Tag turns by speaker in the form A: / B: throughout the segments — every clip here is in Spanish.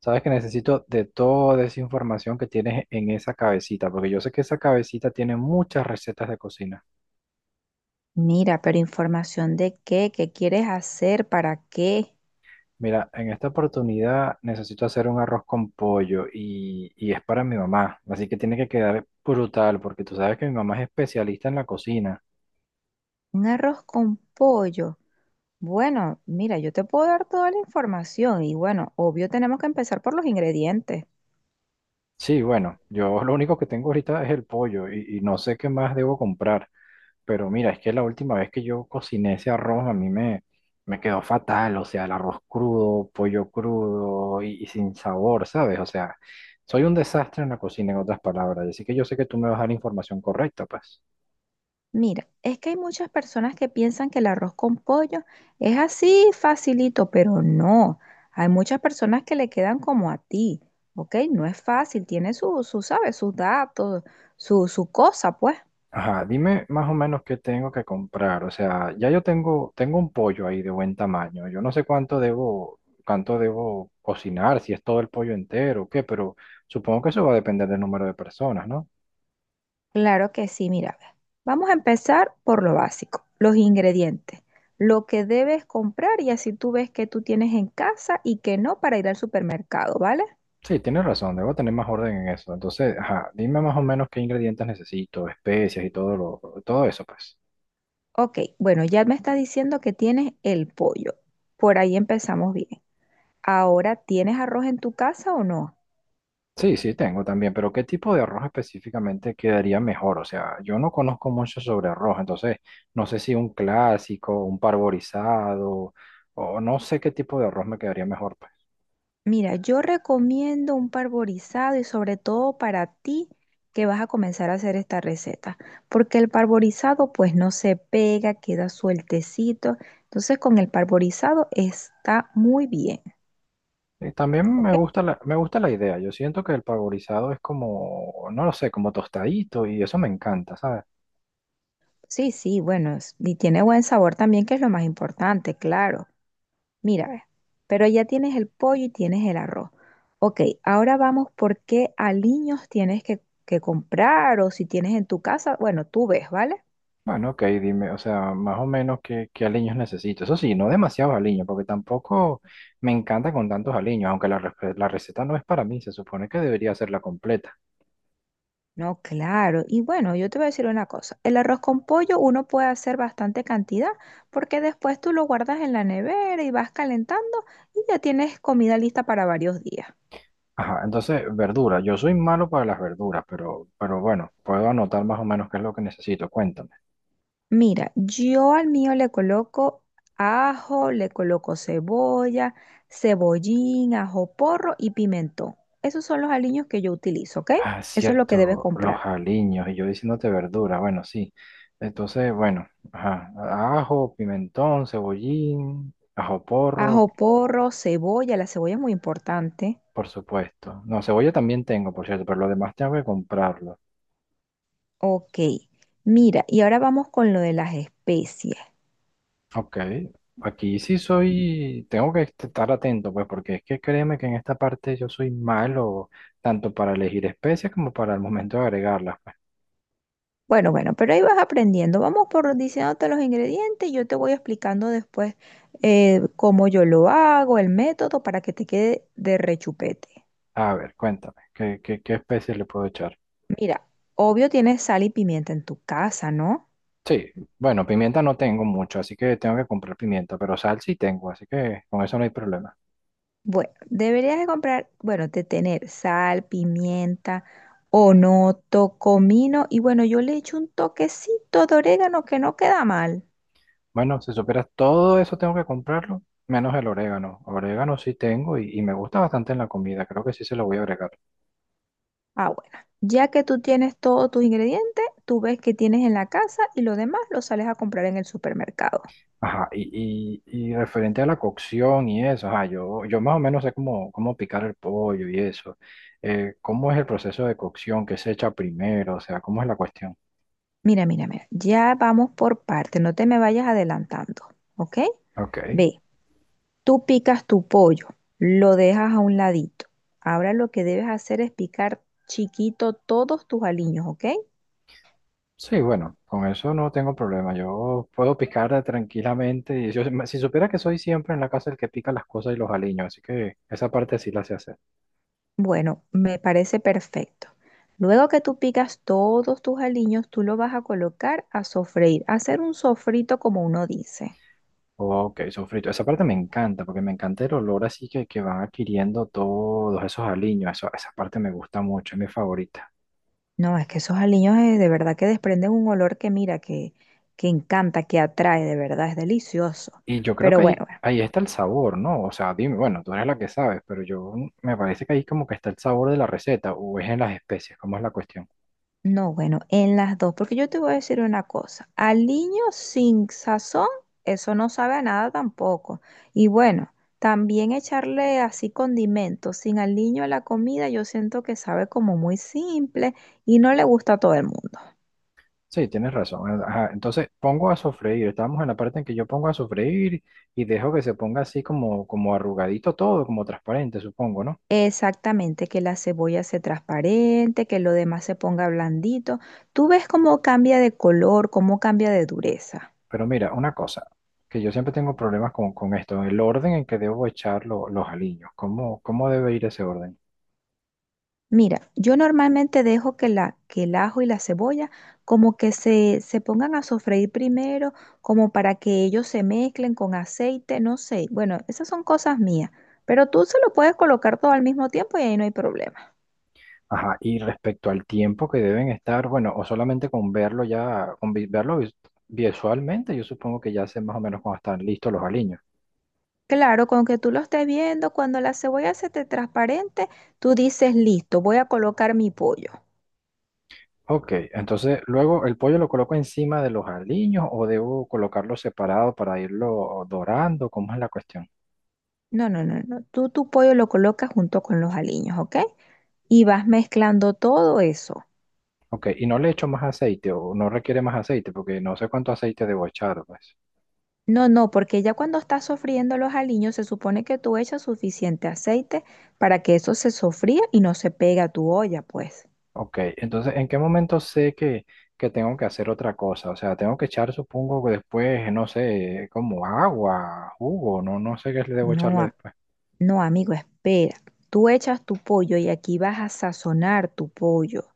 A: Sabes que necesito de toda esa información que tienes en esa cabecita, porque yo sé que esa cabecita tiene muchas recetas de cocina.
B: Mira, pero información de qué, qué quieres hacer, para qué.
A: Mira, en esta oportunidad necesito hacer un arroz con pollo y es para mi mamá, así que tiene que quedar brutal, porque tú sabes que mi mamá es especialista en la cocina.
B: Un arroz con pollo. Bueno, mira, yo te puedo dar toda la información y bueno, obvio tenemos que empezar por los ingredientes.
A: Sí, bueno, yo lo único que tengo ahorita es el pollo y no sé qué más debo comprar. Pero mira, es que la última vez que yo cociné ese arroz a me quedó fatal, o sea, el arroz crudo, pollo crudo y sin sabor, ¿sabes? O sea, soy un desastre en la cocina, en otras palabras, así que yo sé que tú me vas a dar la información correcta, pues.
B: Mira, es que hay muchas personas que piensan que el arroz con pollo es así facilito, pero no. Hay muchas personas que le quedan como a ti, ¿ok? No es fácil, tiene ¿sabes? Sus datos, su cosa, pues.
A: Ajá, dime más o menos qué tengo que comprar, o sea, ya yo tengo un pollo ahí de buen tamaño, yo no sé cuánto cuánto debo cocinar, si es todo el pollo entero o qué, pero supongo que eso va a depender del número de personas, ¿no?
B: Claro que sí, mira, ve. Vamos a empezar por lo básico, los ingredientes, lo que debes comprar y así tú ves que tú tienes en casa y que no para ir al supermercado, ¿vale?
A: Sí, tienes razón, debo tener más orden en eso. Entonces, ajá, dime más o menos qué ingredientes necesito, especias y todo eso, pues.
B: Ok, bueno, ya me estás diciendo que tienes el pollo. Por ahí empezamos bien. Ahora, ¿tienes arroz en tu casa o no?
A: Sí, sí, tengo también, pero ¿qué tipo de arroz específicamente quedaría mejor? O sea, yo no conozco mucho sobre arroz, entonces no sé si un clásico, un parborizado, o no sé qué tipo de arroz me quedaría mejor, pues.
B: Mira, yo recomiendo un parborizado y sobre todo para ti que vas a comenzar a hacer esta receta, porque el parborizado pues no se pega, queda sueltecito, entonces con el parborizado está muy bien,
A: Y también
B: ¿ok?
A: me gusta me gusta la idea. Yo siento que el parborizado es como, no lo sé, como tostadito y eso me encanta, ¿sabes?
B: Sí, sí, bueno, y tiene buen sabor también, que es lo más importante, claro. Mira, ve, pero ya tienes el pollo y tienes el arroz. Ok, ahora vamos por qué aliños tienes que comprar o si tienes en tu casa, bueno, tú ves, ¿vale?
A: Bueno, ok, dime, o sea, más o menos qué aliños necesito. Eso sí, no demasiados aliños, porque tampoco me encanta con tantos aliños, aunque la receta no es para mí, se supone que debería ser la completa.
B: No, claro. Y bueno, yo te voy a decir una cosa. El arroz con pollo uno puede hacer bastante cantidad porque después tú lo guardas en la nevera y vas calentando y ya tienes comida lista para varios días.
A: Ajá, entonces, verdura. Yo soy malo para las verduras, pero bueno, puedo anotar más o menos qué es lo que necesito. Cuéntame.
B: Mira, yo al mío le coloco ajo, le coloco cebolla, cebollín, ajo porro y pimentón. Esos son los aliños que yo utilizo, ¿ok?
A: Ah,
B: Eso es lo que debes
A: cierto, los
B: comprar.
A: aliños, y yo diciéndote verdura, bueno, sí. Entonces, bueno, ajá, ajo, pimentón, cebollín, ajo porro.
B: Ajo porro, cebolla, la cebolla es muy importante.
A: Por supuesto. No, cebolla también tengo, por cierto, pero lo demás tengo que comprarlo.
B: Ok, mira, y ahora vamos con lo de las especies.
A: Ok. Aquí sí soy, tengo que estar atento, pues, porque es que créeme que en esta parte yo soy malo, tanto para elegir especies como para el momento de agregarlas, pues.
B: Bueno, bueno, pero ahí vas aprendiendo. Vamos por diciéndote los ingredientes y yo te voy explicando después cómo yo lo hago, el método para que te quede de rechupete.
A: A ver, cuéntame, qué especies le puedo echar?
B: Mira, obvio tienes sal y pimienta en tu casa, ¿no?
A: Sí, bueno, pimienta no tengo mucho, así que tengo que comprar pimienta, pero sal sí tengo, así que con eso no hay problema.
B: Bueno, deberías de comprar, bueno, de tener sal, pimienta, onoto, comino y bueno, yo le echo un toquecito de orégano que no queda mal.
A: Bueno, si superas todo eso tengo que comprarlo, menos el orégano. Orégano sí tengo y me gusta bastante en la comida, creo que sí se lo voy a agregar.
B: Ah, bueno. Ya que tú tienes todos tus ingredientes, tú ves que tienes en la casa y lo demás lo sales a comprar en el supermercado.
A: Ajá, y referente a la cocción y eso, ajá, yo más o menos sé cómo picar el pollo y eso. ¿Cómo es el proceso de cocción? ¿Qué se echa primero? O sea, ¿cómo es la cuestión?
B: Mira, mira, mira. Ya vamos por partes. No te me vayas adelantando, ¿ok?
A: Ok.
B: Ve, tú picas tu pollo, lo dejas a un ladito. Ahora lo que debes hacer es picar chiquito todos tus aliños, ¿ok?
A: Sí, bueno, con eso no tengo problema. Yo puedo picar tranquilamente. Y yo- si supiera que soy siempre en la casa el que pica las cosas y los aliños, así que esa parte sí la sé hacer.
B: Bueno, me parece perfecto. Luego que tú picas todos tus aliños, tú lo vas a colocar a sofreír, a hacer un sofrito como uno dice.
A: Ok, sofrito. Esa parte me encanta, porque me encanta el olor así que van adquiriendo todos esos aliños. Eso, esa parte me gusta mucho, es mi favorita.
B: No, es que esos aliños de verdad que desprenden un olor que mira, que encanta, que atrae, de verdad, es delicioso.
A: Y yo creo que
B: Pero bueno, bueno,
A: ahí está el sabor, ¿no? O sea, dime, bueno, tú eres la que sabes, pero yo me parece que ahí como que está el sabor de la receta, o es en las especies, ¿cómo es la cuestión?
B: no, bueno, en las dos, porque yo te voy a decir una cosa, aliño sin sazón, eso no sabe a nada tampoco. Y bueno, también echarle así condimentos sin aliño a la comida, yo siento que sabe como muy simple y no le gusta a todo el mundo.
A: Sí, tienes razón. Ajá, entonces pongo a sofreír. Estamos en la parte en que yo pongo a sofreír y dejo que se ponga así como, como arrugadito todo, como transparente, supongo, ¿no?
B: Exactamente, que la cebolla se transparente, que lo demás se ponga blandito. Tú ves cómo cambia de color, cómo cambia de dureza.
A: Pero mira, una cosa, que yo siempre tengo problemas con esto, el orden en que debo echar los aliños, cómo debe ir ese orden?
B: Mira, yo normalmente dejo que el ajo y la cebolla como que se pongan a sofreír primero, como para que ellos se mezclen con aceite, no sé. Bueno, esas son cosas mías, pero tú se lo puedes colocar todo al mismo tiempo y ahí no hay problema.
A: Ajá, y respecto al tiempo que deben estar, bueno, o solamente con verlo ya, con visualmente, yo supongo que ya sé más o menos cuando están listos los aliños.
B: Claro, con que tú lo estés viendo, cuando la cebolla se te transparente, tú dices, listo, voy a colocar mi pollo.
A: Ok, entonces luego el pollo lo coloco encima de los aliños o debo colocarlo separado para irlo dorando, ¿cómo es la cuestión?
B: No, no, no, no. Tú tu pollo lo colocas junto con los aliños, ¿ok? Y vas mezclando todo eso.
A: Ok, y no le echo más aceite o no requiere más aceite porque no sé cuánto aceite debo echar, pues.
B: No, no, porque ya cuando estás sofriendo los aliños se supone que tú echas suficiente aceite para que eso se sofría y no se pega a tu olla, pues.
A: Ok, entonces, ¿en qué momento sé que tengo que hacer otra cosa? O sea, tengo que echar, supongo que después, no sé, como agua, jugo, no sé qué le debo
B: No,
A: echarle
B: a-
A: después.
B: no, amigo, espera. Tú echas tu pollo y aquí vas a sazonar tu pollo.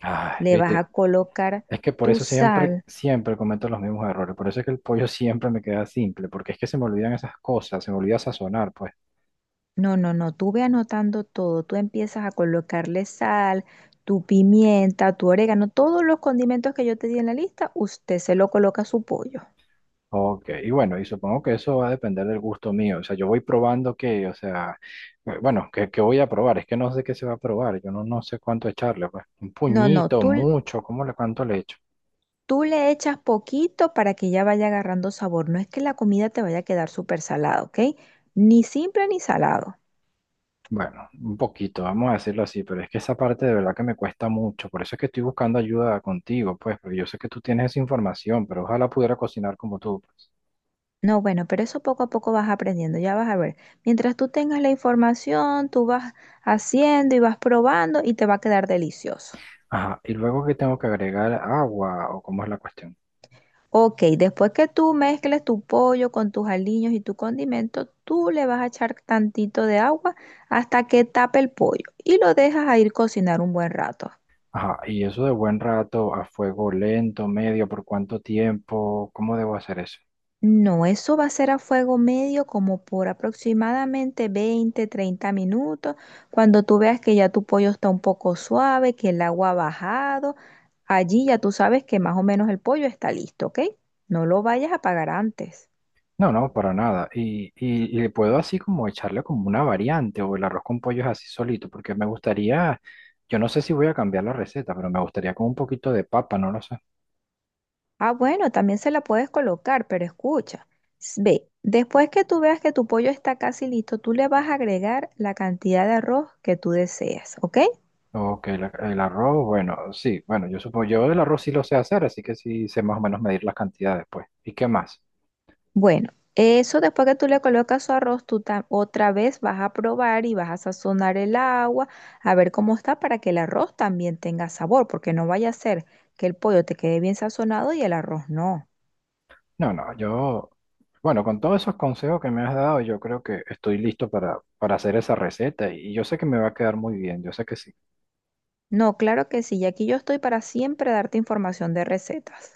A: Ay,
B: Le vas
A: viste,
B: a colocar
A: es que por
B: tu
A: eso
B: sal.
A: siempre cometo los mismos errores. Por eso es que el pollo siempre me queda simple, porque es que se me olvidan esas cosas, se me olvida sazonar, pues.
B: No, no, no, tú ve anotando todo, tú empiezas a colocarle sal, tu pimienta, tu orégano, todos los condimentos que yo te di en la lista, usted se lo coloca a su pollo.
A: Ok, y bueno, y supongo que eso va a depender del gusto mío. O sea, yo voy probando que, o sea, bueno, que voy a probar. Es que no sé qué se va a probar. Yo no sé cuánto echarle, pues. Un
B: No, no,
A: puñito,
B: tú, l-
A: mucho, ¿cómo le cuánto le echo?
B: tú le echas poquito para que ya vaya agarrando sabor, no es que la comida te vaya a quedar súper salada, ¿ok? Ni simple ni salado.
A: Bueno, un poquito, vamos a decirlo así, pero es que esa parte de verdad que me cuesta mucho. Por eso es que estoy buscando ayuda contigo, pues, porque yo sé que tú tienes esa información, pero ojalá pudiera cocinar como tú, pues.
B: No, bueno, pero eso poco a poco vas aprendiendo, ya vas a ver. Mientras tú tengas la información, tú vas haciendo y vas probando y te va a quedar delicioso.
A: Ajá, y luego que tengo que agregar agua, o cómo es la cuestión.
B: Ok, después que tú mezcles tu pollo con tus aliños y tu condimento, tú le vas a echar tantito de agua hasta que tape el pollo y lo dejas a ir cocinar un buen rato.
A: Ajá, y eso de buen rato a fuego lento, medio, ¿por cuánto tiempo? ¿Cómo debo hacer eso?
B: No, eso va a ser a fuego medio como por aproximadamente 20, 30 minutos. Cuando tú veas que ya tu pollo está un poco suave, que el agua ha bajado, allí ya tú sabes que más o menos el pollo está listo, ¿ok? No lo vayas a apagar antes.
A: No, no, para nada. Y le puedo así como echarle como una variante o el arroz con pollo es así solito, porque me gustaría, yo no sé si voy a cambiar la receta, pero me gustaría con un poquito de papa, no lo sé.
B: Ah, bueno, también se la puedes colocar, pero escucha, ve, después que tú veas que tu pollo está casi listo, tú le vas a agregar la cantidad de arroz que tú deseas, ¿ok?
A: Ok, el arroz, bueno, sí, bueno, yo supongo, yo el arroz sí lo sé hacer, así que sí sé más o menos medir las cantidades, pues. ¿Y qué más?
B: Bueno, eso después que tú le colocas su arroz, otra vez vas a probar y vas a sazonar el agua, a ver cómo está para que el arroz también tenga sabor, porque no vaya a ser que el pollo te quede bien sazonado y el arroz no.
A: No, no, yo, bueno, con todos esos consejos que me has dado, yo creo que estoy listo para hacer esa receta y yo sé que me va a quedar muy bien, yo sé que sí.
B: No, claro que sí, y aquí yo estoy para siempre darte información de recetas.